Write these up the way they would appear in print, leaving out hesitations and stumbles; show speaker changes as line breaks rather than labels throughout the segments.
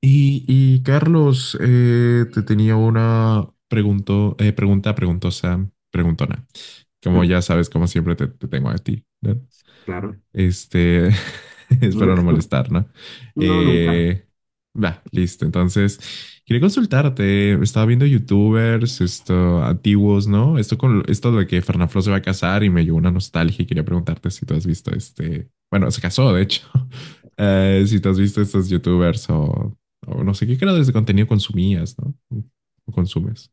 Carlos, te tenía una pregunto, pregunta preguntosa, preguntona. Como ya sabes, como siempre te tengo a ti, ¿no?
Claro.
este, Espero no molestar, ¿no?
No, nunca.
Eh, Va, listo. Entonces, quería consultarte. Estaba viendo YouTubers, esto, antiguos, ¿no? Esto con esto de que Fernanfloo se va a casar y me llegó una nostalgia y quería preguntarte si tú has visto este. Bueno, se casó, de hecho. Si tú has visto estos YouTubers o no sé qué creadores de contenido consumías, ¿no? O consumes.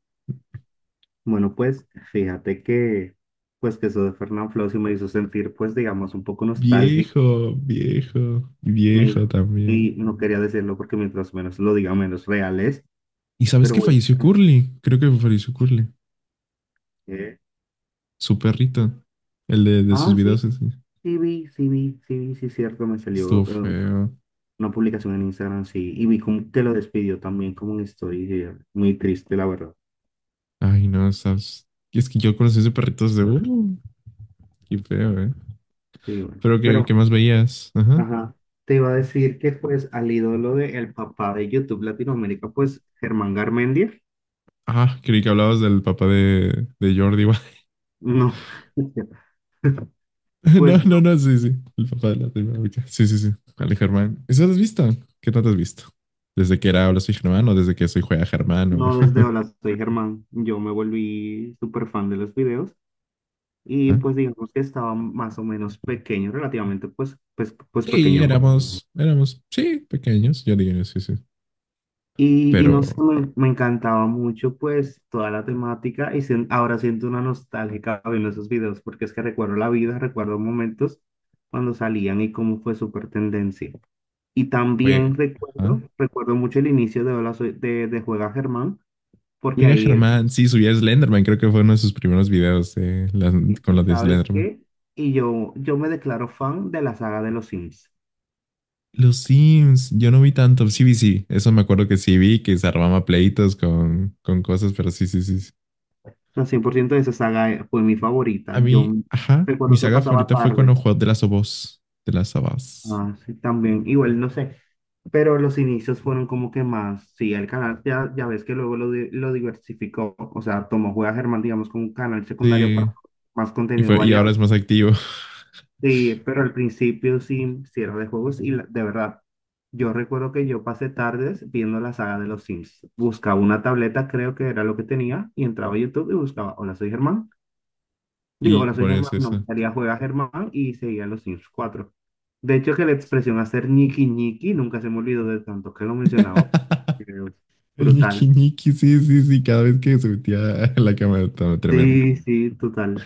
Bueno, pues fíjate que, pues que eso de Fernán Flow sí me hizo sentir, pues digamos, un poco nostálgico.
Viejo, viejo,
Me hizo-
viejo
y
también.
no quería decirlo porque mientras menos lo diga, menos real es.
¿Y sabes
Pero
que
voy
falleció
a
Curly? Creo que falleció Curly,
eh,
su perrito, el de sus
Ah, sí,
videos, ese.
sí vi, sí es cierto, me salió
Estuvo
eh,
feo.
una publicación en Instagram, sí. Y vi como que lo despidió también como una historia. Muy triste, la verdad.
Ay, no, sabes. Y es que yo conocí ese perrito de… qué feo, ¿eh?
Sí, bueno.
Pero, ¿qué
Pero
más veías? Ajá.
ajá. Te iba a decir que pues al ídolo de el papá de YouTube Latinoamérica, pues Germán Garmendia.
Ah, creí que hablabas del papá de Jordi Wild.
No,
No,
pues
no,
no,
no, sí, sí. El papá de la primera. Sí, sí, sí. Ale Germán. ¿Eso lo has visto? ¿Qué tanto has visto? ¿Desde que era Habla Soy Germán o desde que soy Juega Germán? O—
no desde Hola, soy Germán, yo me volví súper fan de los videos y
¿Ah?
pues digamos que estaba más o menos pequeño, relativamente pues
Sí,
pequeño.
éramos, sí, pequeños, yo diría, sí, sí.
Y
Pero
no sé, me encantaba mucho pues toda la temática y ahora siento una nostálgica viendo esos videos porque es que recuerdo la vida, recuerdo momentos cuando salían y cómo fue súper tendencia. Y también
fue. ¿Ah?
recuerdo mucho el inicio de de Juega Germán, porque
Oiga,
ahí él,
Germán, sí, subía Slenderman, creo que fue uno de sus primeros videos, las…
y
con lo
y
de
sabes
Slenderman.
qué, y yo me declaro fan de la saga de los Sims.
Los Sims, yo no vi tanto, sí vi, sí, eso me acuerdo que sí vi, que se armaba pleitos con cosas, pero sí, sí, sí, sí.
La 100% de esa saga fue mi favorita.
A mí, ajá, mi
Recuerdo que
saga
pasaba
favorita fue cuando
tardes.
jugó de las of Us, de las of Us.
Ah, sí, también, igual, no sé. Pero los inicios fueron como que más, sí, el canal ya, ya ves que luego lo diversificó, o sea, tomó Juega Germán, digamos, como un canal secundario para
Sí,
más
y,
contenido
fue, y ahora
variado.
es más activo.
Sí, pero al principio sí, sí era de juegos de verdad, yo recuerdo que yo pasé tardes viendo la saga de los Sims. Buscaba una tableta, creo que era lo que tenía, y entraba a YouTube y buscaba, hola, soy Germán. Digo, hola,
Y
soy
por eso.
Germán, no, me salía juega Germán y seguía los Sims 4. De hecho, que la expresión hacer ñiqui ñiqui nunca se me olvidó de tanto que lo mencionaba. Porque es
El ñiqui
brutal.
ñiqui, sí, sí, sí, cada vez que se metía a la cámara estaba tremendo.
Sí, sí, total.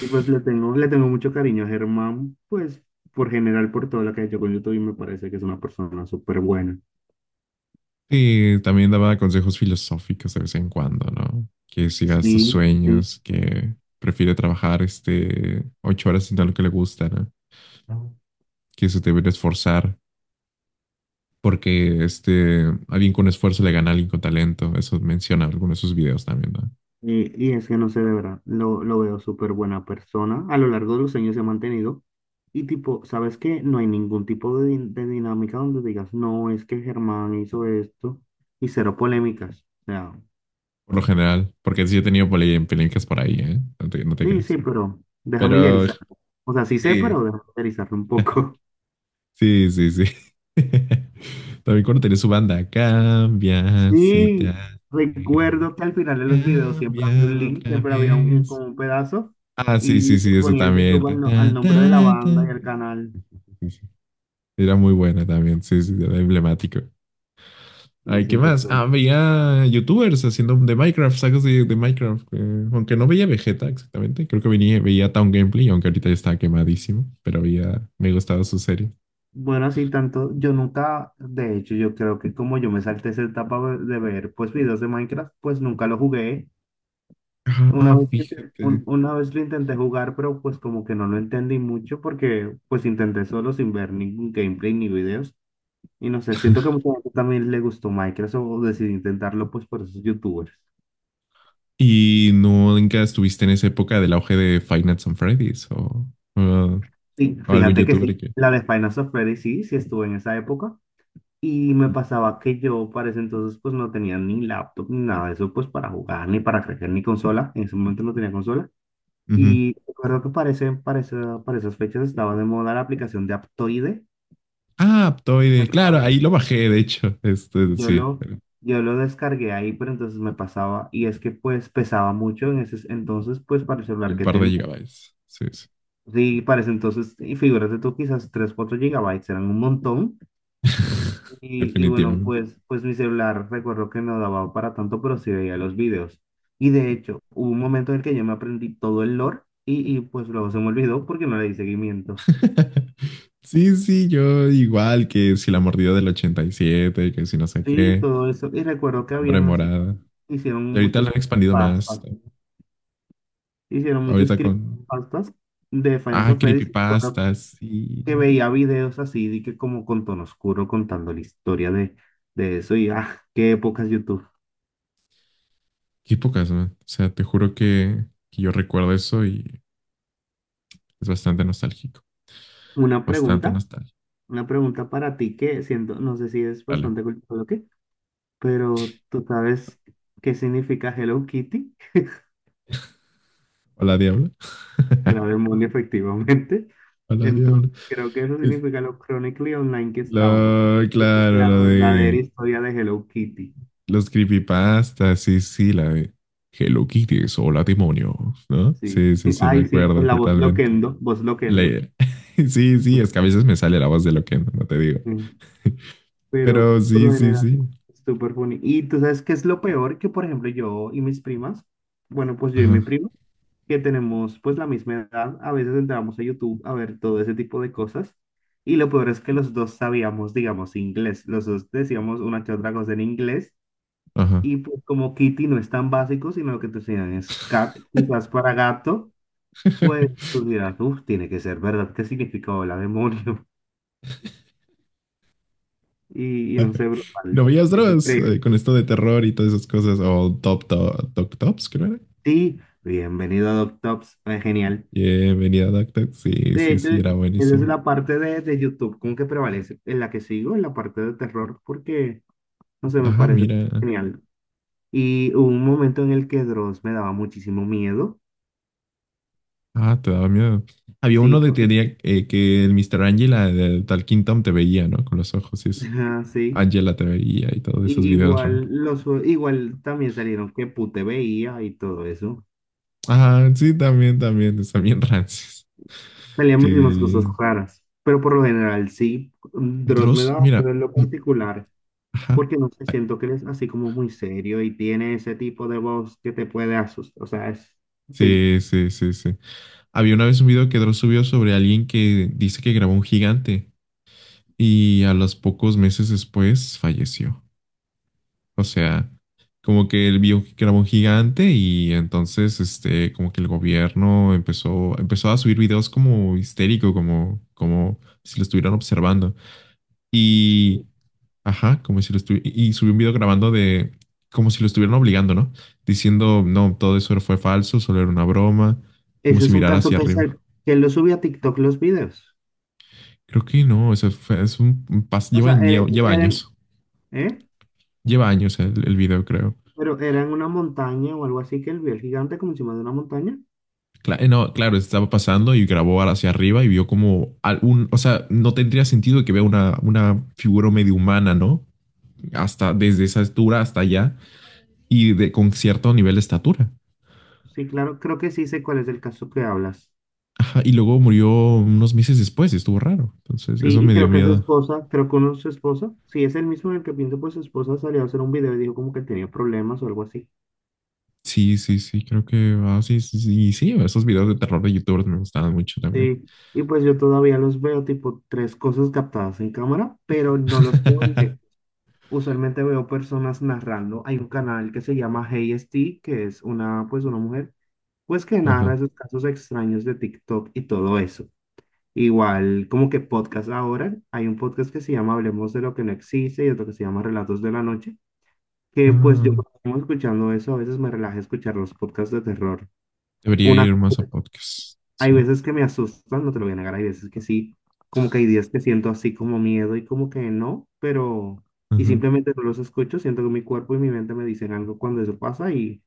Y pues le tengo mucho cariño a Germán, pues por general, por todo lo que ha hecho con YouTube, y me parece que es una persona súper buena.
Sí, también daba consejos filosóficos de vez en cuando, ¿no? Que sigas tus
Sí, sí.
sueños, que prefiere trabajar este ocho horas haciendo lo que le gusta, ¿no? Que se debe esforzar, porque este alguien con esfuerzo le gana a alguien con talento. Eso menciona en alguno de sus videos también, ¿no?
Y es que no sé, de verdad, lo veo súper buena persona. A lo largo de los años se ha mantenido. Y tipo, ¿sabes qué? No hay ningún tipo de, de dinámica donde digas, no, es que Germán hizo esto y cero polémicas. O sea,
Por lo general, porque sí he tenido polémicas por ahí, ¿eh? No te, no te
sí, sí,
creas.
pero déjame
Pero
idealizar. O sea, sí sé,
sí,
pero déjame idealizarlo un poco.
sí, sí, sí. También cuando tenía su banda, cambia si te
Sí,
alegra,
recuerdo que al final de los videos siempre
cambia
había un link,
otra
siempre había
vez.
como un pedazo
Ah, sí, sí,
y se
sí, eso
ponía el
también.
YouTube
Ta,
al, no- al
ta,
nombre de la
ta, ta.
banda y al canal
Sí, sí, sí. Era muy buena también, sí, sí, era emblemático.
y
Ay, ¿qué más? Ah,
100%.
veía youtubers haciendo de Minecraft, sagas de Minecraft, aunque no veía Vegeta exactamente. Creo que venía, veía Town Gameplay, aunque ahorita ya estaba quemadísimo. Pero había, me gustaba su serie.
Bueno, así tanto, yo nunca, de hecho, yo creo que como yo me salté esa etapa de ver pues videos de Minecraft, pues nunca lo jugué.
Ah, fíjate.
Una vez lo intenté jugar, pero pues como que no lo entendí mucho porque pues intenté solo sin ver ningún gameplay ni videos. Y no sé, siento que a mucha gente también le gustó Minecraft o decidió intentarlo pues por esos youtubers.
¿Y no nunca estuviste en esa época del auge de Five Nights on Freddy's o-
Sí,
o algún
fíjate que
youtuber
sí,
que…
la de Final of Freddy sí, sí estuve en esa época. Y me pasaba que yo para ese entonces pues no tenía ni laptop ni nada de eso pues para jugar, ni para crecer, ni consola. En ese momento no tenía consola.
Ujú.
Y recuerdo que para, para esas fechas estaba de moda la aplicación de Aptoide.
Ah, Aptoide.
Pues
Claro,
para-
ahí lo bajé, de hecho. Este,
yo
sí,
lo, yo lo descargué ahí, pero entonces me pasaba. Y es que pues pesaba mucho en ese entonces pues para el celular
un
que
par de
tenía.
gigabytes. Sí, sí.
Sí, parece entonces, y figúrate tú, quizás 3, 4 gigabytes eran un montón. Y bueno,
Definitivamente.
pues mi celular recuerdo que no daba para tanto, pero sí veía los videos. Y de hecho, hubo un momento en el que yo me aprendí todo el lore y pues luego se me olvidó porque no le di seguimiento.
Sí, sí, yo igual, que si la mordida del 87, que si no sé
Sí,
qué,
todo eso. Y recuerdo que
la hombre
habían así,
morada.
hicieron
Y ahorita lo
muchos
han expandido
pastas,
más, ¿no?
hicieron muchos
Ahorita con…
creepypastas de Final
Ah,
Fantasy.
creepypastas
Que
y…
veía videos así, de que como con tono oscuro contando la historia de eso y ah, qué épocas YouTube.
Qué pocas, man. O sea, te juro que yo recuerdo eso y es bastante nostálgico.
Una
Bastante
pregunta,
nostálgico.
una pregunta para ti que siento, no sé si es
Dale.
bastante cultural o qué, pero tú sabes qué significa Hello Kitty,
Hola, diablo.
una demonio efectivamente.
Hola,
Entonces,
diablo.
creo que eso
Es-
significa lo chronically online que estábamos.
Lo,
Tipo,
claro,
la
lo
verdadera
de…
historia de Hello Kitty.
Los creepypastas, sí, sí, la de Hello Kitties, hola demonios, ¿no? Sí,
Sí.
sí, sí, me
Ay, sí,
acuerdo
con la voz
totalmente.
Loquendo, voz
La-
Loquendo.
Sí, sí, es que a veces me sale la voz de lo que no, no te digo.
Pero
Pero
por
sí,
lo
sí,
general,
sí.
súper funny. Y tú sabes qué es lo peor que, por ejemplo, yo y mis primas, bueno, pues yo y mi
Ajá,
primo, que tenemos pues la misma edad, a veces entramos a YouTube a ver todo ese tipo de cosas. Y lo peor es que los dos sabíamos, digamos, inglés. Los dos decíamos una que otra cosa en inglés.
ajá.
Y pues como Kitty no es tan básico, sino lo que te enseñan es cat, quizás para gato, pues tú dirás, uff, tiene que ser verdad, ¿qué significa hola, demonio? Y no sé,
¿No
brutal.
veías
Es
Dross,
increíble.
con esto de terror y todas esas cosas? O Top Top, Top Tops, creo era.
Sí, bienvenido a DocTops, es genial.
Y venía Duck. Sí,
De
sí,
hecho,
sí, era
esa es
buenísimo.
la parte de YouTube como que prevalece, en la que sigo, en la parte de terror, porque, no sé, me
Ah,
parece
mira.
genial. Y hubo un momento en el que Dross me daba muchísimo miedo,
Ah, te daba miedo. Había
sí,
uno de
porque,
teoría, que el Mr. Angela de Tal Kingdom te veía, ¿no? Con los ojos y eso.
ajá, sí.
Angela te veía y todos esos
Y
videos raros.
igual, los, igual también salieron que pute veía y todo eso.
Ah, sí, también, también, están bien rancios.
Salían muchísimas cosas
Que
raras, pero por lo general sí, Dross me
Dross,
daba miedo
mira.
en lo particular.
Ajá.
Porque no sé,
Ah,
siento que eres así como muy serio y tiene ese tipo de voz que te puede asustar. O sea, es, sí,
sí, sí, sí, sí. Había una vez un video que Dross subió sobre alguien que dice que grabó un gigante y a los pocos meses después falleció. O sea, como que él vio que era un gigante y entonces, este, como que el gobierno empezó a subir videos como histérico, como, como si lo estuvieran observando. Y, ajá, como si lo estuvieran, y subió un video grabando de, como si lo estuvieran obligando, ¿no? Diciendo, no, todo eso fue falso, solo era una broma, como
ese
si
es un
mirara
caso
hacia
que es el
arriba.
que él lo subió a TikTok los videos.
Creo que no, eso fue, es un,
O
lleva,
sea, ¿eh?
lleva años el video, creo.
Pero era en una montaña o algo así que él vio el gigante como encima de una montaña.
No, claro, estaba pasando y grabó hacia arriba y vio como algún, o sea, no tendría sentido que vea una figura medio humana, ¿no? Hasta desde esa altura hasta allá y de, con cierto nivel de estatura.
Sí, claro, creo que sí sé cuál es el caso que hablas.
Ajá, y luego murió unos meses después, estuvo raro. Entonces,
Sí,
eso
y
me dio
creo que su
miedo.
esposa, creo que uno su esposa, sí, es el mismo en el que pienso, pues su esposa salió a hacer un video y dijo como que tenía problemas o algo así.
Sí, sí, sí, creo que, ah, sí, sí, sí, sí, esos videos de terror de youtubers me gustaban mucho también.
Sí, y pues yo todavía los veo tipo tres cosas captadas en cámara, pero no los puedo ver. Usualmente veo personas narrando. Hay un canal que se llama Hey ST, que es una, pues una mujer, pues que narra
Ajá.
esos casos extraños de TikTok y todo eso. Igual, como que podcast ahora, hay un podcast que se llama Hablemos de lo que no existe y otro que se llama Relatos de la Noche, que pues yo
Ah,
como escuchando eso, a veces me relaja escuchar los podcasts de terror.
debería
Una
ir más a podcasts.
hay
Sí.
veces que me asustan, no te lo voy a negar, hay veces que sí, como que hay días que siento así como miedo y como que no, pero y
Ajá.
simplemente no los escucho, siento que mi cuerpo y mi mente me dicen algo cuando eso pasa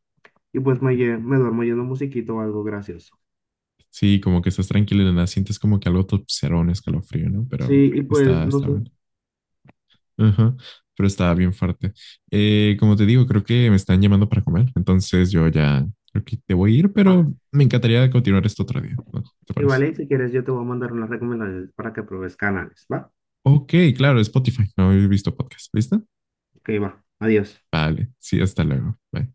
y pues me, me duermo oyendo musiquito o algo gracioso.
Sí, como que estás tranquilo y de nada, sientes como que algo te observa, un escalofrío, ¿no?
Sí,
Pero
y pues
está,
no
está
sé.
bueno. Ajá, pero está bien fuerte. Como te digo, creo que me están llamando para comer, entonces yo ya creo que te voy a ir,
Ah,
pero me encantaría continuar esto otro día, ¿no? ¿Te
y
parece?
vale, si quieres yo te voy a mandar unas recomendaciones para que pruebes canales, ¿va?
Ok, claro, Spotify, no he visto podcast, ¿listo?
Ok, va. Adiós.
Vale, sí, hasta luego. Bye.